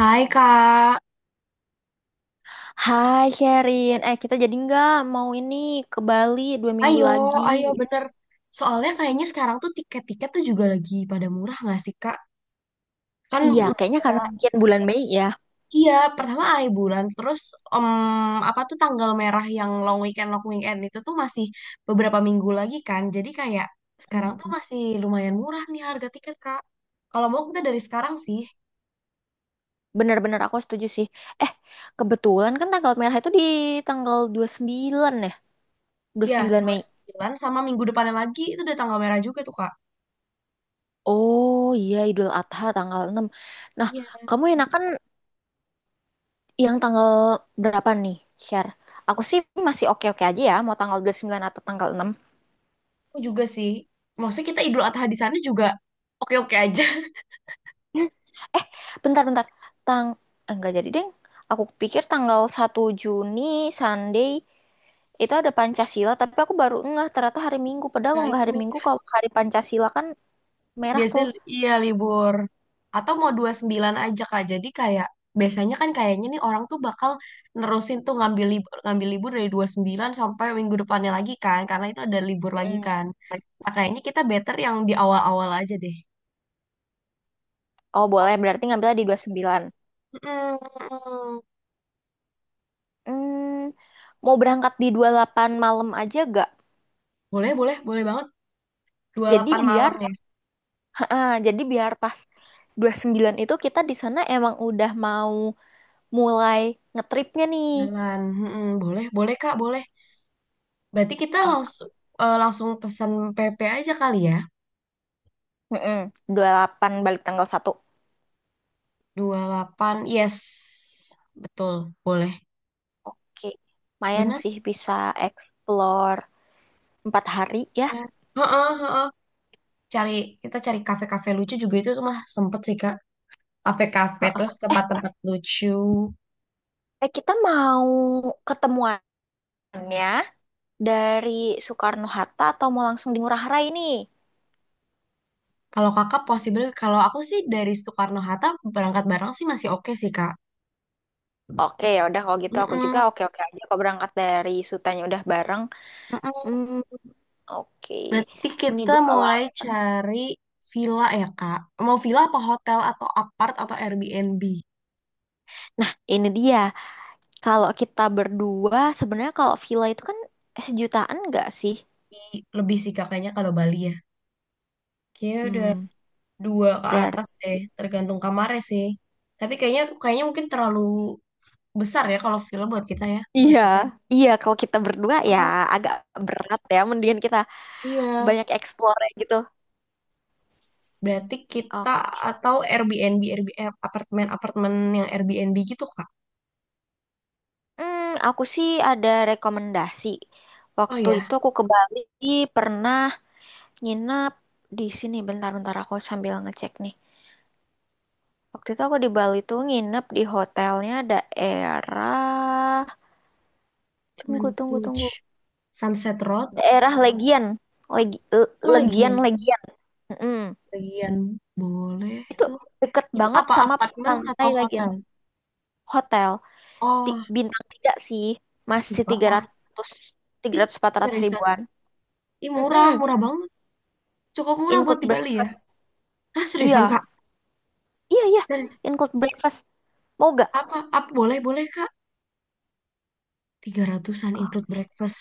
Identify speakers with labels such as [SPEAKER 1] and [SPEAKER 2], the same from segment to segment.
[SPEAKER 1] Hai Kak,
[SPEAKER 2] Hai Sherin, eh kita jadi nggak mau ini ke Bali 2 minggu
[SPEAKER 1] ayo,
[SPEAKER 2] lagi.
[SPEAKER 1] ayo bener. Soalnya kayaknya sekarang tuh tiket-tiket tuh juga lagi pada murah nggak sih Kak? Kan
[SPEAKER 2] Iya, kayaknya karena
[SPEAKER 1] udah,
[SPEAKER 2] mungkin bulan Mei ya.
[SPEAKER 1] iya pertama akhir bulan, terus em, apa tuh tanggal merah yang long weekend itu tuh masih beberapa minggu lagi kan. Jadi kayak sekarang tuh
[SPEAKER 2] Hmm.
[SPEAKER 1] masih lumayan murah nih harga tiket Kak. Kalau mau kita dari sekarang sih,
[SPEAKER 2] Bener-bener aku setuju sih. Eh, kebetulan kan tanggal merah itu di tanggal 29 ya, dua puluh
[SPEAKER 1] ya
[SPEAKER 2] sembilan
[SPEAKER 1] dua
[SPEAKER 2] Mei.
[SPEAKER 1] sembilan sama minggu depannya lagi itu udah tanggal merah juga tuh Kak.
[SPEAKER 2] Oh iya, Idul Adha tanggal 6. Nah,
[SPEAKER 1] Iya,
[SPEAKER 2] kamu enakan yang tanggal berapa nih, Sher? Aku sih masih oke-oke aja ya, mau tanggal 29 atau tanggal 6?
[SPEAKER 1] aku juga sih. Maksudnya kita Idul Adha di sana juga oke-oke aja.
[SPEAKER 2] Bentar, bentar. Tang nggak jadi deh. Aku pikir 1 Juni Sunday itu ada Pancasila, tapi aku baru ngeh ternyata hari Minggu. Padahal
[SPEAKER 1] Nah,
[SPEAKER 2] kalau nggak
[SPEAKER 1] itu
[SPEAKER 2] hari
[SPEAKER 1] Mi.
[SPEAKER 2] Minggu, kalau hari Pancasila kan merah tuh.
[SPEAKER 1] Biasanya iya libur. Atau mau 29 aja Kak. Jadi kayak biasanya kan kayaknya nih orang tuh bakal nerusin tuh ngambil libur dari 29 sampai minggu depannya lagi kan karena itu ada libur lagi
[SPEAKER 2] Mm.
[SPEAKER 1] kan. Nah, kayaknya kita better yang di awal-awal aja deh.
[SPEAKER 2] Oh, boleh. Berarti ngambilnya di 29.
[SPEAKER 1] Mm-mm.
[SPEAKER 2] Hmm, Mau berangkat di 28 malam aja gak?
[SPEAKER 1] Boleh, boleh, boleh banget. dua puluh
[SPEAKER 2] Jadi
[SPEAKER 1] delapan
[SPEAKER 2] biar
[SPEAKER 1] malam ya.
[SPEAKER 2] jadi biar pas 29 itu kita di sana emang udah mau mulai ngetripnya nih.
[SPEAKER 1] Jalan. Mm-mm. Boleh, boleh Kak, boleh. Berarti kita
[SPEAKER 2] Oh,
[SPEAKER 1] langsung eh, langsung pesan PP aja kali ya.
[SPEAKER 2] mm-mm. 28 balik tanggal 1.
[SPEAKER 1] 28, yes. Betul, boleh.
[SPEAKER 2] Oke, lumayan
[SPEAKER 1] Benar
[SPEAKER 2] sih bisa explore 4 hari ya.
[SPEAKER 1] ya. Heeh, heeh. Cari kita cari kafe-kafe lucu juga itu mah sempet sih Kak. Kafe-kafe
[SPEAKER 2] Heeh.
[SPEAKER 1] terus
[SPEAKER 2] Eh,
[SPEAKER 1] tempat-tempat lucu.
[SPEAKER 2] eh, kita mau ketemuannya dari Soekarno-Hatta atau mau langsung di Ngurah Rai nih?
[SPEAKER 1] Kalau Kakak possible kalau aku sih dari Soekarno-Hatta berangkat bareng sih masih oke sih Kak.
[SPEAKER 2] Oke, ya udah kalau gitu aku juga
[SPEAKER 1] Mm-mm,
[SPEAKER 2] oke-oke aja kalau berangkat dari Sutanya udah bareng.
[SPEAKER 1] mm-mm.
[SPEAKER 2] Hmm, oke.
[SPEAKER 1] Berarti
[SPEAKER 2] Ini
[SPEAKER 1] kita
[SPEAKER 2] dua
[SPEAKER 1] mulai
[SPEAKER 2] delapan.
[SPEAKER 1] cari villa ya Kak. Mau villa apa hotel atau apart atau Airbnb?
[SPEAKER 2] Nah, ini dia. Kalau kita berdua sebenarnya kalau villa itu kan sejutaan nggak sih?
[SPEAKER 1] Lebih sih Kak, kayaknya kalau Bali ya. Kayaknya udah
[SPEAKER 2] Hmm,
[SPEAKER 1] dua ke atas
[SPEAKER 2] Berarti
[SPEAKER 1] deh, tergantung kamarnya sih. Tapi kayaknya kayaknya mungkin terlalu besar ya kalau villa buat kita ya.
[SPEAKER 2] iya, iya kalau kita berdua ya
[SPEAKER 1] Oh,
[SPEAKER 2] agak berat ya. Mendingan kita
[SPEAKER 1] iya,
[SPEAKER 2] banyak explore gitu.
[SPEAKER 1] berarti
[SPEAKER 2] Oh,
[SPEAKER 1] kita atau Airbnb, Airbnb eh, apartemen-apartemen yang Airbnb gitu Kak.
[SPEAKER 2] aku sih ada rekomendasi.
[SPEAKER 1] Oh
[SPEAKER 2] Waktu
[SPEAKER 1] ya,
[SPEAKER 2] itu aku ke Bali pernah nginep di sini. Bentar-bentar aku sambil ngecek nih. Waktu itu aku di Bali tuh nginep di hotelnya daerah.
[SPEAKER 1] cuman
[SPEAKER 2] Tunggu,
[SPEAKER 1] itu
[SPEAKER 2] tunggu,
[SPEAKER 1] Ch.
[SPEAKER 2] tunggu.
[SPEAKER 1] Sunset Road.
[SPEAKER 2] Daerah Legian,
[SPEAKER 1] Aku lagi
[SPEAKER 2] Legian,
[SPEAKER 1] yang
[SPEAKER 2] Legian. Mm-mm.
[SPEAKER 1] bagian boleh
[SPEAKER 2] Itu
[SPEAKER 1] tuh.
[SPEAKER 2] deket
[SPEAKER 1] Itu
[SPEAKER 2] banget
[SPEAKER 1] apa
[SPEAKER 2] sama
[SPEAKER 1] apartemen
[SPEAKER 2] pantai
[SPEAKER 1] atau
[SPEAKER 2] Legian.
[SPEAKER 1] hotel?
[SPEAKER 2] Hotel.
[SPEAKER 1] Oh,
[SPEAKER 2] Bintang tiga sih
[SPEAKER 1] nggak
[SPEAKER 2] masih tiga tiga
[SPEAKER 1] apa-apa.
[SPEAKER 2] ratus, tiga
[SPEAKER 1] Ih,
[SPEAKER 2] ratus empat ratus
[SPEAKER 1] seriusan.
[SPEAKER 2] ribuan.
[SPEAKER 1] Ih,
[SPEAKER 2] Mm-mm.
[SPEAKER 1] murah, murah banget. Cukup murah buat
[SPEAKER 2] Include
[SPEAKER 1] di Bali ya.
[SPEAKER 2] breakfast.
[SPEAKER 1] Ah, seriusan
[SPEAKER 2] Iya,
[SPEAKER 1] Kak.
[SPEAKER 2] iya, iya.
[SPEAKER 1] Dan
[SPEAKER 2] Include breakfast, mau gak?
[SPEAKER 1] apa, apa boleh, boleh Kak. 300-an include
[SPEAKER 2] Oh.
[SPEAKER 1] breakfast.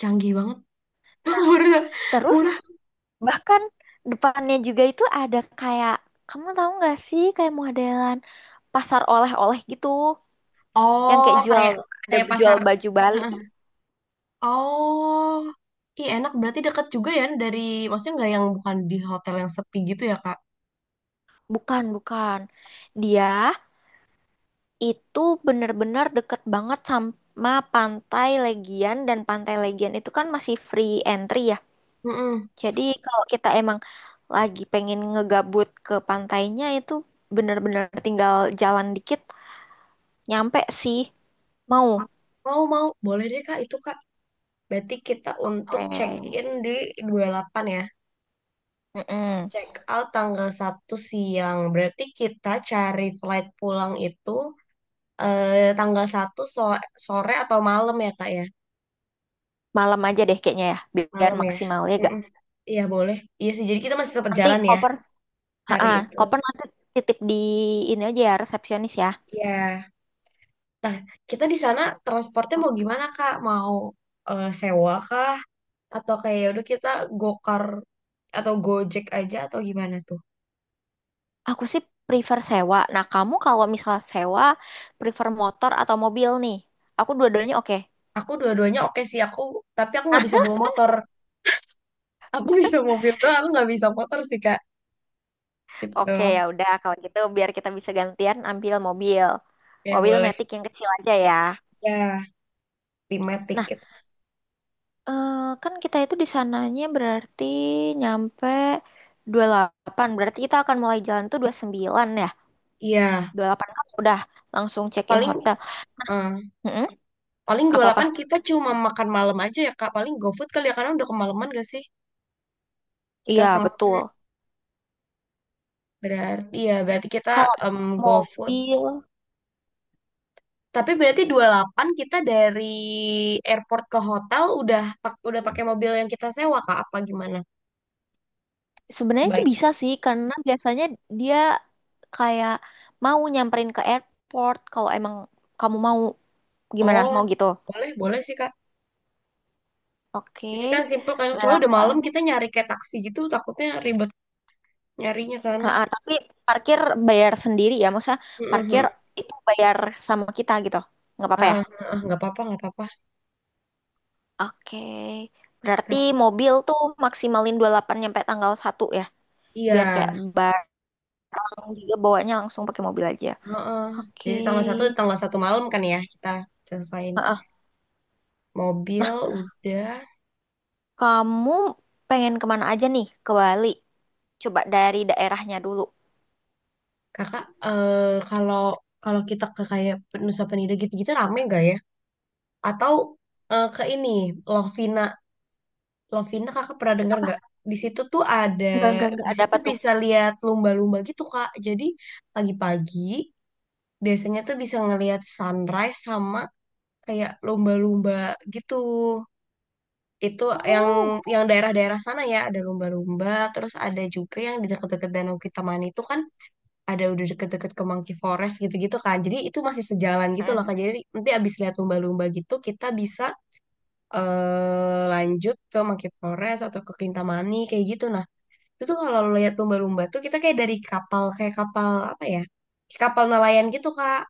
[SPEAKER 1] Canggih banget. Aku baru tahu.
[SPEAKER 2] Terus
[SPEAKER 1] Murah.
[SPEAKER 2] bahkan depannya juga itu ada kayak, kamu tahu nggak sih, kayak modelan pasar oleh-oleh gitu, yang
[SPEAKER 1] Oh,
[SPEAKER 2] kayak jual,
[SPEAKER 1] kayak
[SPEAKER 2] ada
[SPEAKER 1] kayak
[SPEAKER 2] jual
[SPEAKER 1] pasar.
[SPEAKER 2] baju Bali.
[SPEAKER 1] Heeh. Oh, iya enak berarti dekat juga ya dari maksudnya nggak yang bukan di hotel yang sepi gitu ya Kak?
[SPEAKER 2] Bukan, bukan, dia itu bener-bener deket banget sama pantai Legian dan pantai Legian itu kan masih free entry ya.
[SPEAKER 1] Mm-mm.
[SPEAKER 2] Jadi kalau kita emang lagi pengen ngegabut ke pantainya itu bener-bener tinggal jalan dikit nyampe sih, mau.
[SPEAKER 1] Mau mau boleh deh Kak itu Kak. Berarti kita untuk
[SPEAKER 2] Oke.
[SPEAKER 1] check in di 28 ya.
[SPEAKER 2] Mm-mm.
[SPEAKER 1] Check out tanggal 1 siang. Berarti kita cari flight pulang itu tanggal 1 sore atau malam ya Kak ya?
[SPEAKER 2] Malam aja deh kayaknya ya, biar
[SPEAKER 1] Malam ya.
[SPEAKER 2] maksimal ya gak.
[SPEAKER 1] Mm-mm. Iya boleh. Iya sih jadi kita masih sempat
[SPEAKER 2] Nanti
[SPEAKER 1] jalan ya
[SPEAKER 2] koper, ha
[SPEAKER 1] hari itu.
[SPEAKER 2] Koper nanti titip di ini aja ya, resepsionis ya.
[SPEAKER 1] Iya. Nah, kita di sana transportnya mau gimana, Kak? Mau sewa kah? Atau kayak udah kita gokar atau gojek aja atau gimana tuh?
[SPEAKER 2] Aku sih prefer sewa. Nah, kamu kalau misal sewa prefer motor atau mobil nih? Aku dua-duanya oke.
[SPEAKER 1] Aku dua-duanya oke sih aku, tapi aku nggak bisa bawa motor. Aku bisa mobil doang, aku nggak bisa motor sih, Kak.
[SPEAKER 2] Oke, ya
[SPEAKER 1] Gitu.
[SPEAKER 2] udah kalau gitu biar kita bisa gantian ambil mobil.
[SPEAKER 1] Ya,
[SPEAKER 2] Mobil
[SPEAKER 1] boleh.
[SPEAKER 2] matic yang kecil aja ya.
[SPEAKER 1] Ya, limet
[SPEAKER 2] Nah,
[SPEAKER 1] tiket.
[SPEAKER 2] eh, kan kita itu di sananya berarti nyampe 28. Berarti kita akan mulai jalan tuh 29 ya.
[SPEAKER 1] Iya,
[SPEAKER 2] 28 kan udah langsung check-in
[SPEAKER 1] paling
[SPEAKER 2] hotel.
[SPEAKER 1] eh,
[SPEAKER 2] Mm-mm.
[SPEAKER 1] paling 28
[SPEAKER 2] Apa-apa?
[SPEAKER 1] kita cuma makan malam aja ya, Kak. Paling GoFood kali ya, karena udah kemalaman gak sih? Kita
[SPEAKER 2] Iya, betul.
[SPEAKER 1] sampai berarti ya berarti kita
[SPEAKER 2] Kalau
[SPEAKER 1] go.
[SPEAKER 2] mobil
[SPEAKER 1] Tapi berarti 28 kita dari airport ke hotel udah pakai mobil yang kita sewa Kak apa gimana?
[SPEAKER 2] sebenarnya itu
[SPEAKER 1] Baik.
[SPEAKER 2] bisa sih karena biasanya dia kayak mau nyamperin ke airport kalau emang kamu mau gimana?
[SPEAKER 1] Oh,
[SPEAKER 2] Mau gitu.
[SPEAKER 1] boleh boleh sih Kak.
[SPEAKER 2] Oke,
[SPEAKER 1] Jadi kan simple kan soalnya udah
[SPEAKER 2] 28.
[SPEAKER 1] malam kita nyari kayak taksi gitu takutnya ribet nyarinya kan.
[SPEAKER 2] Ha, ha, Tapi parkir bayar sendiri ya, maksudnya parkir
[SPEAKER 1] Heeh.
[SPEAKER 2] itu bayar sama kita gitu. Nggak apa-apa ya?
[SPEAKER 1] Heeh, heeh, nggak apa-apa, nggak apa-apa.
[SPEAKER 2] Oke. Berarti mobil tuh maksimalin 28 nyampe tanggal 1 ya,
[SPEAKER 1] Iya.
[SPEAKER 2] biar kayak barang juga bawanya langsung pakai mobil aja.
[SPEAKER 1] Heeh.
[SPEAKER 2] Oke.
[SPEAKER 1] Jadi tanggal satu malam kan ya kita selesain
[SPEAKER 2] Heeh.
[SPEAKER 1] mobil udah.
[SPEAKER 2] Kamu pengen kemana aja nih ke Bali? Coba dari daerahnya dulu.
[SPEAKER 1] Kakak, kalau kalau kita ke kayak Nusa Penida gitu-gitu rame nggak ya? Atau ke ini Lovina. Lovina, kakak pernah dengar
[SPEAKER 2] Apa?
[SPEAKER 1] nggak? Di situ tuh ada.
[SPEAKER 2] Enggak
[SPEAKER 1] Di
[SPEAKER 2] ada
[SPEAKER 1] situ
[SPEAKER 2] apa tuh?
[SPEAKER 1] bisa lihat lumba-lumba gitu kak. Jadi pagi-pagi biasanya tuh bisa ngelihat sunrise sama kayak lumba-lumba gitu. Itu yang
[SPEAKER 2] Oh.
[SPEAKER 1] yang daerah-daerah sana ya ada lumba-lumba. Terus ada juga yang di dekat-dekat Danau Kitamani itu kan ada udah deket-deket ke Monkey Forest gitu-gitu kan. Jadi itu masih sejalan gitu loh
[SPEAKER 2] Hmm.
[SPEAKER 1] kak. Jadi nanti abis lihat lumba-lumba gitu kita bisa lanjut ke Monkey Forest atau ke Kintamani kayak gitu. Nah, itu tuh kalau lo lihat lumba-lumba tuh kita kayak dari kapal kayak kapal apa ya? Kayak kapal nelayan gitu, Kak.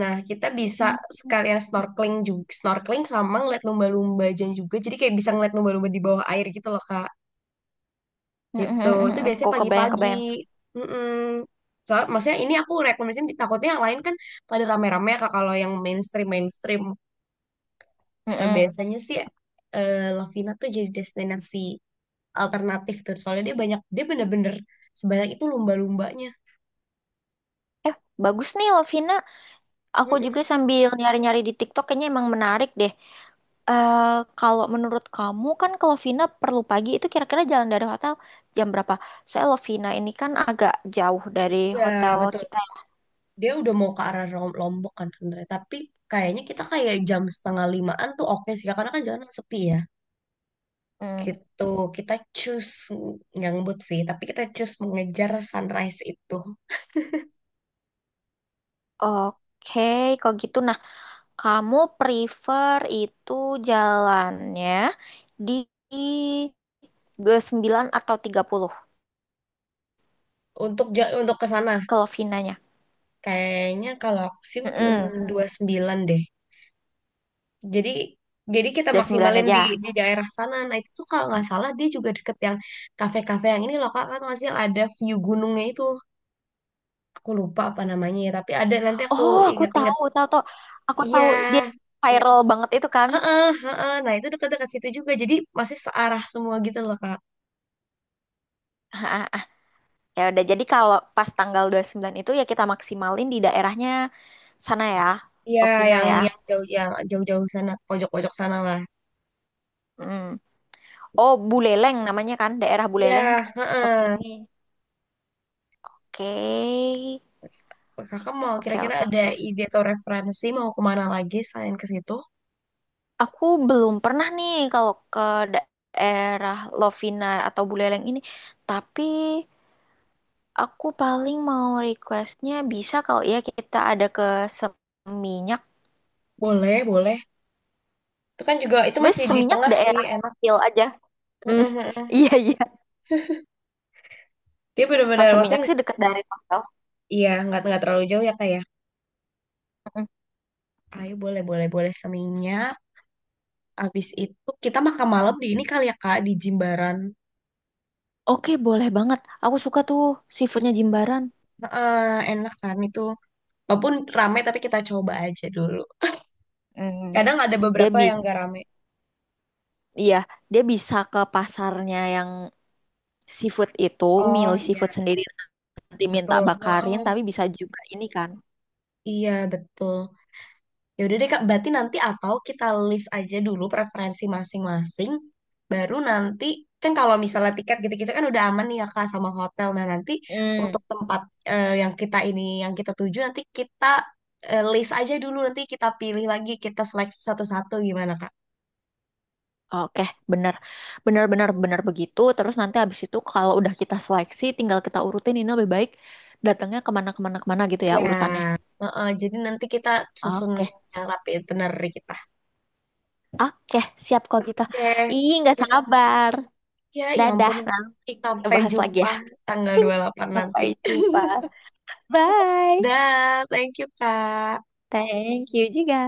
[SPEAKER 1] Nah, kita bisa
[SPEAKER 2] Mm,
[SPEAKER 1] sekalian snorkeling juga, snorkeling sama ngeliat lumba-lumba dan juga. Jadi kayak bisa ngeliat lumba-lumba di bawah air gitu loh, Kak.
[SPEAKER 2] mm,
[SPEAKER 1] Gitu.
[SPEAKER 2] mm, mm.
[SPEAKER 1] Itu
[SPEAKER 2] Aku
[SPEAKER 1] biasanya
[SPEAKER 2] kebayang,
[SPEAKER 1] pagi-pagi.
[SPEAKER 2] kebayang.
[SPEAKER 1] Mm-mm. Maksudnya ini aku rekomendasiin takutnya yang lain kan pada rame-rame ya, Kak kalau yang mainstream mainstream.
[SPEAKER 2] Mm,
[SPEAKER 1] Nah,
[SPEAKER 2] mm.
[SPEAKER 1] biasanya sih Lovina tuh jadi destinasi alternatif tuh soalnya dia banyak dia bener-bener sebanyak itu lumba-lumbanya.
[SPEAKER 2] Eh, bagus nih Lovina. Aku juga
[SPEAKER 1] Mm-mm.
[SPEAKER 2] sambil nyari-nyari di TikTok kayaknya emang menarik deh. Eh, kalau menurut kamu kan kalau Lovina perlu pagi itu kira-kira jalan dari hotel jam berapa? Saya Lovina ini kan agak jauh dari
[SPEAKER 1] Ya
[SPEAKER 2] hotel
[SPEAKER 1] betul,
[SPEAKER 2] kita.
[SPEAKER 1] dia udah mau ke arah Lombok kan sebenarnya, tapi kayaknya kita kayak jam setengah limaan tuh oke sih karena kan jalan sepi ya
[SPEAKER 2] Hmm,
[SPEAKER 1] gitu. Kita choose nggak ngebut sih, tapi kita choose mengejar sunrise itu
[SPEAKER 2] Oke, kalau gitu. Nah, kamu prefer itu jalannya di 29 atau 30
[SPEAKER 1] untuk ke sana.
[SPEAKER 2] kalau Lovinanya?
[SPEAKER 1] Kayaknya kalau aku sih
[SPEAKER 2] Mm-mm, dua
[SPEAKER 1] 29 deh. Jadi jadi kita
[SPEAKER 2] puluh sembilan
[SPEAKER 1] maksimalin di
[SPEAKER 2] aja.
[SPEAKER 1] di daerah sana. Nah itu tuh kalau nggak salah dia juga deket yang kafe-kafe yang ini loh kak kan masih yang ada view gunungnya itu. Aku lupa apa namanya ya, tapi ada nanti aku
[SPEAKER 2] Oh, aku
[SPEAKER 1] inget-inget.
[SPEAKER 2] tahu, tahu, tahu. Aku
[SPEAKER 1] Iya,
[SPEAKER 2] tahu dia viral banget itu kan.
[SPEAKER 1] heeh, heeh. Nah itu dekat-dekat situ juga. Jadi masih searah semua gitu loh kak.
[SPEAKER 2] Ya udah, jadi kalau pas tanggal 29 itu ya kita maksimalin di daerahnya sana ya,
[SPEAKER 1] Iya,
[SPEAKER 2] Lovina
[SPEAKER 1] yang
[SPEAKER 2] ya.
[SPEAKER 1] yang jauh yang jauh-jauh sana pojok-pojok sana lah.
[SPEAKER 2] Mm. Oh, Buleleng namanya kan, daerah
[SPEAKER 1] Iya,
[SPEAKER 2] Buleleng.
[SPEAKER 1] heeh.
[SPEAKER 2] Buleleng. Oke.
[SPEAKER 1] Kakak mau
[SPEAKER 2] Oke,
[SPEAKER 1] kira-kira
[SPEAKER 2] oke,
[SPEAKER 1] ada
[SPEAKER 2] oke.
[SPEAKER 1] ide atau referensi mau kemana lagi selain ke situ?
[SPEAKER 2] Aku belum pernah nih kalau ke daerah Lovina atau Buleleng ini, tapi aku paling mau requestnya bisa kalau ya kita ada ke Seminyak.
[SPEAKER 1] Boleh, boleh. Itu kan juga itu
[SPEAKER 2] Sebenarnya
[SPEAKER 1] masih di
[SPEAKER 2] seminyak
[SPEAKER 1] tengah sih,
[SPEAKER 2] daerah
[SPEAKER 1] enak.
[SPEAKER 2] kecil aja. Hmm,
[SPEAKER 1] Heeh, heeh.
[SPEAKER 2] iya iya.
[SPEAKER 1] Dia
[SPEAKER 2] Kalau
[SPEAKER 1] benar-benar
[SPEAKER 2] seminyak
[SPEAKER 1] maksudnya
[SPEAKER 2] sih dekat dari hotel.
[SPEAKER 1] iya nggak terlalu jauh ya kak ya.
[SPEAKER 2] Mm-mm.
[SPEAKER 1] Ayo, boleh boleh boleh seninya. Abis itu kita makan malam di ini kali ya kak di Jimbaran.
[SPEAKER 2] Oke, boleh banget. Aku suka tuh seafoodnya
[SPEAKER 1] Iya.
[SPEAKER 2] Jimbaran.
[SPEAKER 1] Heeh, enak kan itu. Walaupun rame tapi kita coba aja dulu.
[SPEAKER 2] Hmm,
[SPEAKER 1] Kadang ada
[SPEAKER 2] dia
[SPEAKER 1] beberapa
[SPEAKER 2] bi,
[SPEAKER 1] yang nggak rame.
[SPEAKER 2] iya, dia bisa ke pasarnya yang seafood itu,
[SPEAKER 1] Oh
[SPEAKER 2] milih seafood
[SPEAKER 1] iya
[SPEAKER 2] sendiri, nanti minta
[SPEAKER 1] betul.
[SPEAKER 2] bakarin,
[SPEAKER 1] Heeh,
[SPEAKER 2] tapi bisa juga ini kan.
[SPEAKER 1] iya betul. Ya udah deh Kak, berarti nanti atau kita list aja dulu preferensi masing-masing, baru nanti kan kalau misalnya tiket gitu-gitu kan udah aman nih ya Kak sama hotel. Nah nanti
[SPEAKER 2] Hmm.
[SPEAKER 1] untuk tempat yang kita ini yang kita tuju nanti kita list aja dulu nanti kita pilih lagi kita seleksi satu-satu gimana Kak?
[SPEAKER 2] Oke, bener, bener, bener, bener begitu. Terus nanti habis itu kalau udah kita seleksi, tinggal kita urutin ini lebih baik datangnya kemana-kemana, kemana, kemana, kemana gitu ya
[SPEAKER 1] Ya,
[SPEAKER 2] urutannya.
[SPEAKER 1] heeh, jadi nanti kita susun
[SPEAKER 2] Oke.
[SPEAKER 1] yang rapi itinerary kita.
[SPEAKER 2] Oke, siap kalau gitu.
[SPEAKER 1] Oke.
[SPEAKER 2] Ih, nggak
[SPEAKER 1] Biar-
[SPEAKER 2] sabar.
[SPEAKER 1] Ya, ya
[SPEAKER 2] Dadah,
[SPEAKER 1] ampun,
[SPEAKER 2] nanti kita
[SPEAKER 1] sampai
[SPEAKER 2] bahas lagi
[SPEAKER 1] jumpa
[SPEAKER 2] ya.
[SPEAKER 1] tanggal 28 nanti.
[SPEAKER 2] Sampai jumpa. Bye.
[SPEAKER 1] Dah, thank you Kak.
[SPEAKER 2] Thank you juga.